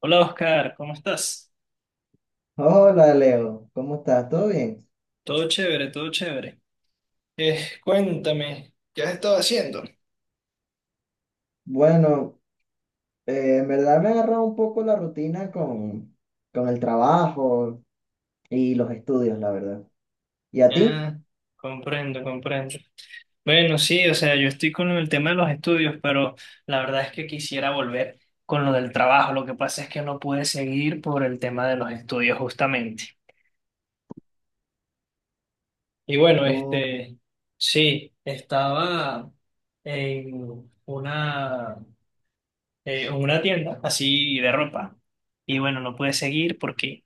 Hola Oscar, ¿cómo estás? Hola Leo, ¿cómo estás? ¿Todo bien? Todo chévere, todo chévere. Cuéntame, ¿qué has estado haciendo? Bueno, en verdad me ha agarrado un poco la rutina con el trabajo y los estudios, la verdad. ¿Y a ti? Ah, comprendo, comprendo. Bueno, sí, o sea, yo estoy con el tema de los estudios, pero la verdad es que quisiera volver con lo del trabajo. Lo que pasa es que no pude seguir por el tema de los estudios justamente. Y bueno, Oh, este, sí, estaba en una, en una tienda así de ropa. Y bueno, no pude seguir porque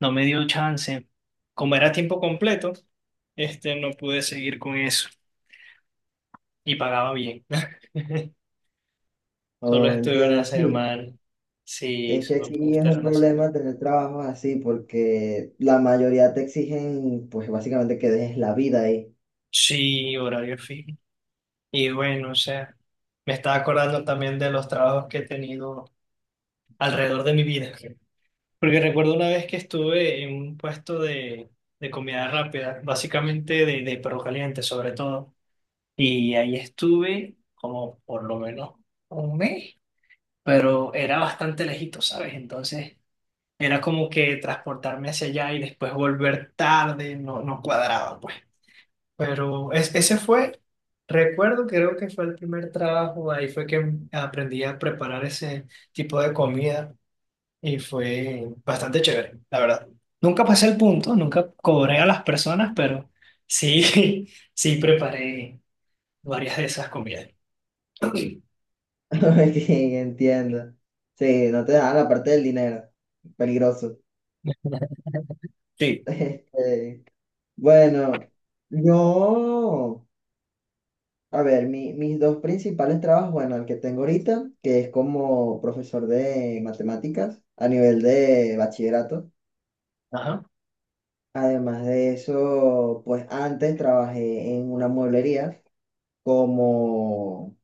no me dio chance. Como era tiempo completo, este, no pude seguir con eso y pagaba bien. Solo oh, estuve una entiendo, sí. semana. Sí, Es que solo pude aquí es estar un una semana. problema tener trabajos así porque la mayoría te exigen, pues básicamente que dejes la vida ahí. Sí, horario fijo. Y bueno, o sea, me estaba acordando también de los trabajos que he tenido alrededor de mi vida. Porque recuerdo una vez que estuve en un puesto de comida rápida, básicamente de perro caliente sobre todo. Y ahí estuve como por lo menos un mes. Pero era bastante lejito, ¿sabes? Entonces era como que transportarme hacia allá y después volver tarde, no, no cuadraba, pues. Pero ese fue, recuerdo, creo que fue el primer trabajo, ahí fue que aprendí a preparar ese tipo de comida y fue bastante chévere, la verdad. Nunca pasé el punto, nunca cobré a las personas, pero sí, sí preparé varias de esas comidas. Sí. Ok, entiendo. Sí, no te dan la parte del dinero. Peligroso. Sí, Este, bueno, yo... A ver, mis dos principales trabajos, bueno, el que tengo ahorita, que es como profesor de matemáticas a nivel de bachillerato. Ajá. Además de eso, pues antes trabajé en una mueblería como,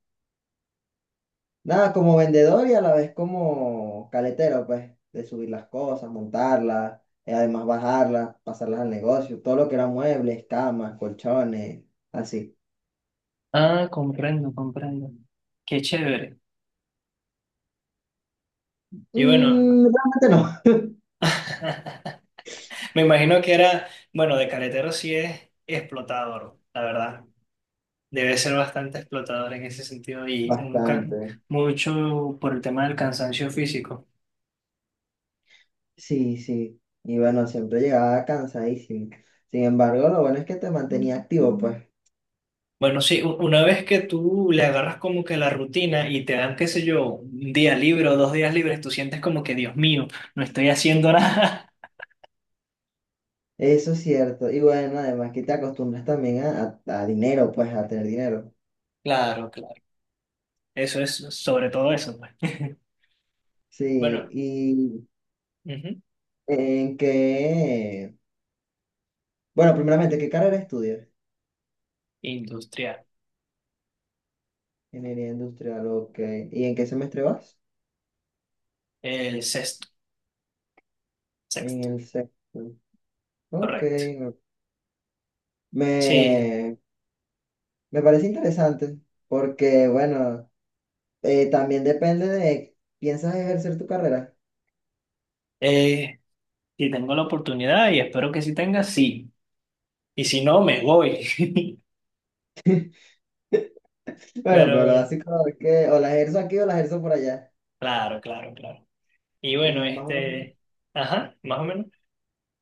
nada, como vendedor y a la vez como caletero, pues, de subir las cosas, montarlas, y además bajarlas, pasarlas al negocio, todo lo que era muebles, camas, colchones, así. Ah, comprendo, comprendo. Qué chévere. Y bueno, Mm, realmente no, me imagino que era, bueno, de caletero sí es explotador, la verdad. Debe ser bastante explotador en ese sentido y bastante. mucho por el tema del cansancio físico. Sí, sí. Y bueno, siempre llegaba cansadísimo. Sin embargo, lo bueno es que te mantenía activo, pues. Bueno, sí, una vez que tú le agarras como que la rutina y te dan, qué sé yo, un día libre o dos días libres, tú sientes como que, Dios mío, no estoy haciendo nada. Eso es cierto. Y bueno, además que te acostumbras también a dinero, pues, a tener dinero. Claro, claro. Eso es sobre todo eso, pues. Sí, Bueno, y ujú, en qué... Bueno, primeramente, ¿qué carrera estudias? Industrial. Ingeniería industrial, ok. ¿Y en qué semestre vas? El sexto, En sexto, el sexto. Ok. correcto. Sí, Me, me parece interesante porque, bueno, también depende de... ¿Piensas ejercer tu carrera? eh, si tengo la oportunidad y espero que si tenga, sí. Y si no, me voy. Bueno, pero Pero así como es que o las ejerzo aquí o las ejerzo por allá. claro, claro, claro. Y bueno, Y este, ajá, más o menos.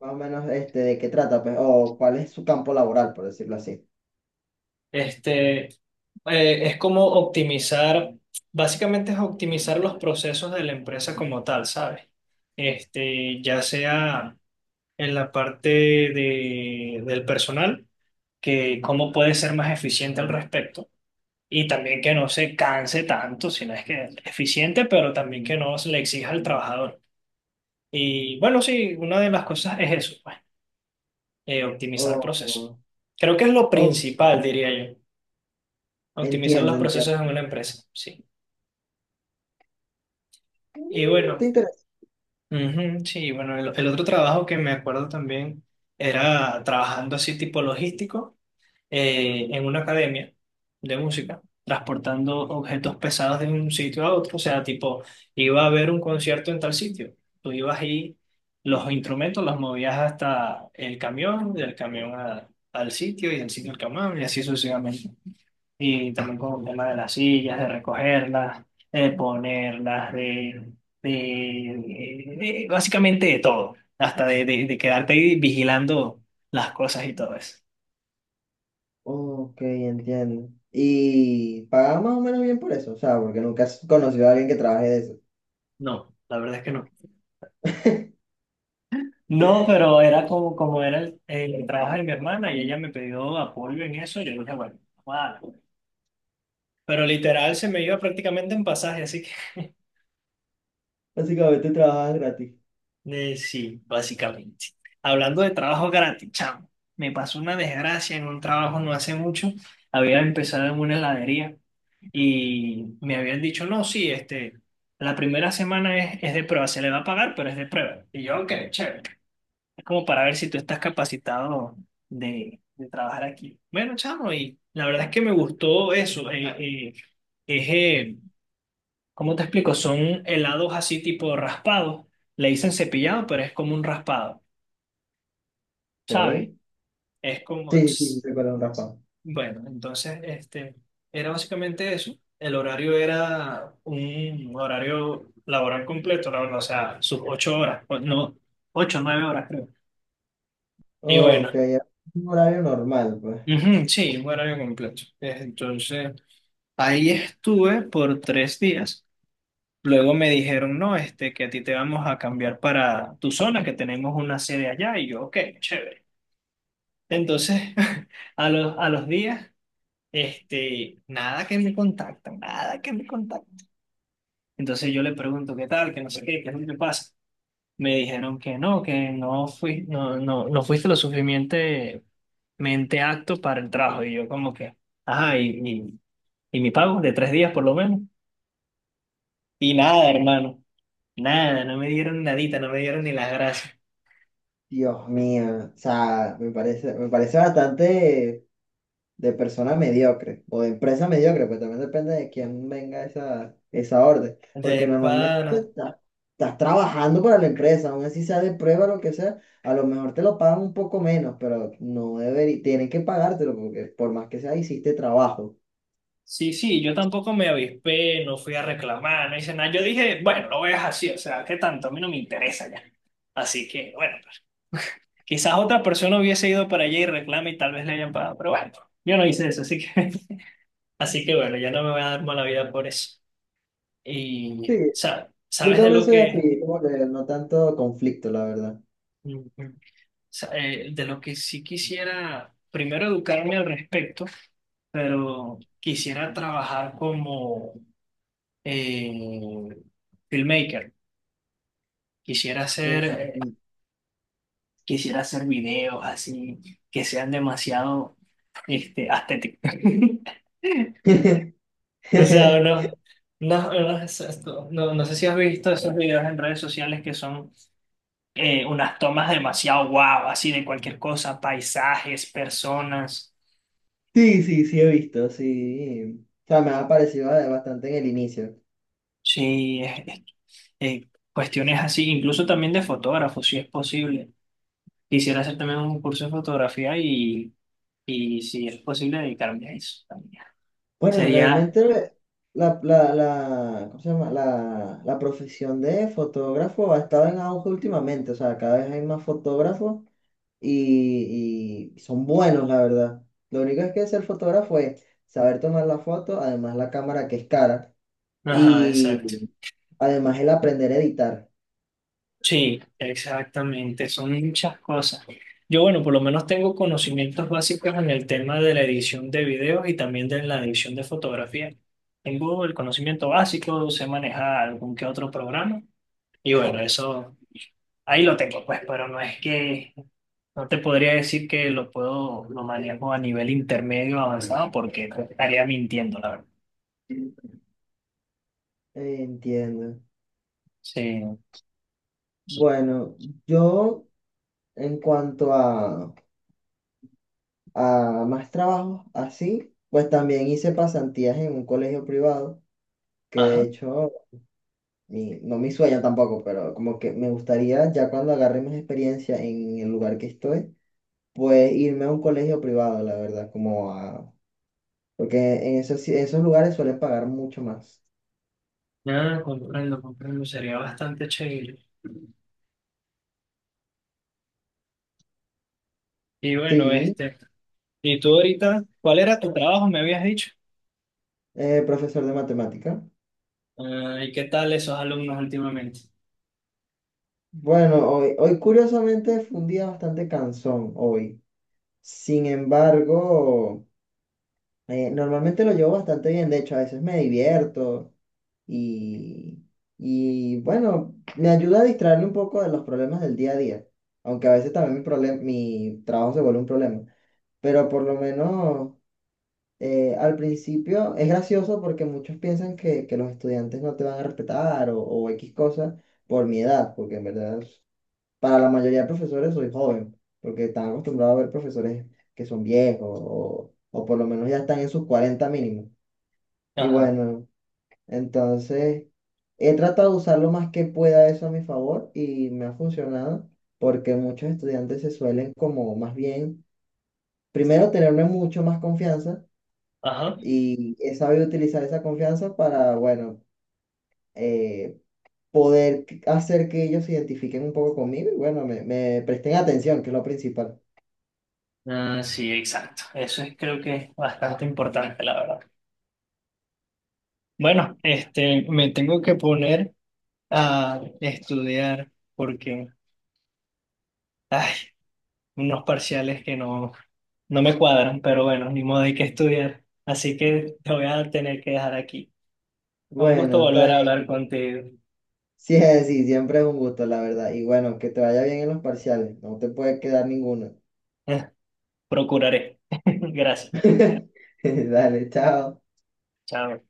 más o menos este, de qué trata, pues, o cuál es su campo laboral, por decirlo así. Este, es como optimizar, básicamente es optimizar los procesos de la empresa como tal, ¿sabes? Este, ya sea en la parte del personal, que cómo puede ser más eficiente al respecto. Y también que no se canse tanto, sino es que es eficiente, pero también que no se le exija al trabajador. Y bueno, sí, una de las cosas es eso, pues, optimizar procesos. Oh, Creo que es lo oh, principal, diría yo, optimizar los entiendo, entiendo. procesos en una empresa, sí. Y Mm, bueno, ¿te interesa? ujú, sí, bueno, el otro trabajo que me acuerdo también era trabajando así tipo logístico. En una academia de música, transportando objetos pesados de un sitio a otro. O sea, tipo, iba a haber un concierto en tal sitio. Tú ibas ahí, los instrumentos los movías hasta el camión, del camión al sitio y del sitio al camión y así sucesivamente. Y también con el tema de las sillas, de recogerlas, de ponerlas, de, de- básicamente de todo, hasta de quedarte ahí vigilando las cosas y todo eso. Ok, entiendo. Y pagas más o menos bien por eso, o sea, porque nunca has conocido a alguien que trabaje de eso. No, la verdad es que no. No, pero era como, como era el trabajo de mi hermana y ella me pidió apoyo en eso y yo dije, bueno, vamos a darle. Pero literal se me iba prácticamente en pasaje, así que Básicamente trabajas gratis. Sí, básicamente. Hablando de trabajo gratis, chamo, me pasó una desgracia en un trabajo no hace mucho. Había empezado en una heladería y me habían dicho, no, sí, este, la primera semana es de prueba, se le va a pagar, pero es de prueba. Y yo, ok, chévere. Es como para ver si tú estás capacitado de trabajar aquí. Bueno, chamo, y la verdad es que me gustó eso. Es, ¿cómo te explico? Son helados así tipo raspados. Le dicen cepillado, pero es como un raspado, ¿sabes? Ok. Es como... Sí, sí, sí, ts- se cuela un raspado. Bueno, entonces, este, era básicamente eso. El horario era un horario laboral completo, la verdad, o sea, sus ocho horas, o no, ocho, nueve horas creo. Y bueno. Ok, es un horario normal, pues. Ujú, sí, un horario completo. Entonces, ahí estuve por tres días. Luego me dijeron, no, este, que a ti te vamos a cambiar para tu zona, que tenemos una sede allá. Y yo, ok, chévere. Entonces, a los días, este, nada que me contactan, nada que me contactan. Entonces yo le pregunto, ¿qué tal? Que no sé qué, qué es lo que pasa. Me dijeron que no fui, no, no, no fuiste lo suficientemente mente acto para el trabajo. Y yo como que, ajá, y mi pago de tres días por lo menos. Y nada, hermano, nada, no me dieron nadita, no me dieron ni las gracias. Dios mío, o sea, me parece bastante. De persona mediocre o de empresa mediocre, pues también depende de quién venga esa orden. De Porque normalmente pana. Estás trabajando para la empresa, aún así sea de prueba, lo que sea, a lo mejor te lo pagan un poco menos, pero no debería, tienen que pagártelo porque por más que sea, hiciste trabajo. Sí, sí, yo tampoco me avispé, no fui a reclamar, no hice nada. Yo dije, bueno, lo veas así, o sea, ¿qué tanto? A mí no me interesa ya. Así que, bueno, pues, quizás otra persona hubiese ido para allá y reclama y tal vez le hayan pagado, pero bueno, yo no hice eso, así que, así que bueno, ya no me voy a dar mala vida por eso. Y, Sí, sa- yo ¿sabes de también lo soy que, así, como que no tanto conflicto, la verdad. sea, de lo que sí quisiera, primero educarme al respecto, pero quisiera trabajar como eh, filmmaker. Quisiera hacer, Eh, eh, quisiera hacer videos así que sean demasiado este, estéticos. O sea, no, no, no, es esto. No, no sé si has visto esos videos en redes sociales que son unas tomas demasiado guau, así de cualquier cosa, paisajes, personas. sí, sí, sí he visto, sí. O sea, me ha parecido bastante en el inicio. Sí, cuestiones así, incluso también de fotógrafo, si es posible. Quisiera hacer también un curso de fotografía y si es posible dedicarme a eso también. Bueno, Sería, realmente la, ¿cómo se llama? La profesión de fotógrafo ha estado en auge últimamente, o sea, cada vez hay más fotógrafos y son buenos, la verdad. Lo único es que ser fotógrafo es saber tomar la foto, además la cámara que es cara ajá, y exacto. además el aprender a editar. Sí, exactamente, son muchas cosas. Yo, bueno, por lo menos tengo conocimientos básicos en el tema de la edición de videos y también de la edición de fotografía. Tengo el conocimiento básico, sé manejar algún que otro programa y bueno, eso ahí lo tengo, pues, pero no es que No te podría decir que lo puedo, lo manejo a nivel intermedio avanzado porque te estaría mintiendo, la verdad. Entiendo. Sí. Bueno, yo en cuanto a más trabajos así, pues también hice pasantías en un colegio privado que de Ajá. hecho no mi sueño tampoco, pero como que me gustaría ya cuando agarre más experiencia en el lugar que estoy, pues irme a un colegio privado, la verdad, como a... Porque en esos, esos lugares suelen pagar mucho más. Ah, comprendo, comprendo. Sería bastante chévere. Y bueno, Sí, este, ¿y tú ahorita, cuál era tu trabajo, me habías dicho? Profesor de matemática. Ah, ¿y qué tal esos alumnos últimamente? Bueno, hoy, hoy curiosamente fue un día bastante cansón hoy. Sin embargo, normalmente lo llevo bastante bien. De hecho, a veces me divierto. Y, y bueno, me ayuda a distraerme un poco de los problemas del día a día, aunque a veces también mi trabajo se vuelve un problema, pero por lo menos al principio es gracioso porque muchos piensan que los estudiantes no te van a respetar o X cosas por mi edad, porque en verdad para la mayoría de profesores soy joven, porque están acostumbrados a ver profesores que son viejos o por lo menos ya están en sus 40 mínimo. Y Ajá, bueno. Entonces, he tratado de usar lo más que pueda eso a mi favor y me ha funcionado porque muchos estudiantes se suelen como más bien, primero tenerme mucho más confianza ajá. y he sabido utilizar esa confianza para, bueno, eh, poder hacer que ellos se identifiquen un poco conmigo y bueno, me presten atención, que es lo principal. Ah, sí, exacto. Eso es, creo que es bastante importante, la verdad. Bueno, este, me tengo que poner a estudiar porque, ay, unos parciales que no. No me cuadran, pero bueno, ni modo hay que estudiar. Así que te voy a tener que dejar aquí. Fue un gusto Bueno, volver está a hablar bien. contigo. Sí, sí, siempre es un gusto, la verdad. Y bueno, que te vaya bien en los parciales. No te puede quedar ninguno. Procuraré. Gracias. Dale, chao. Chao.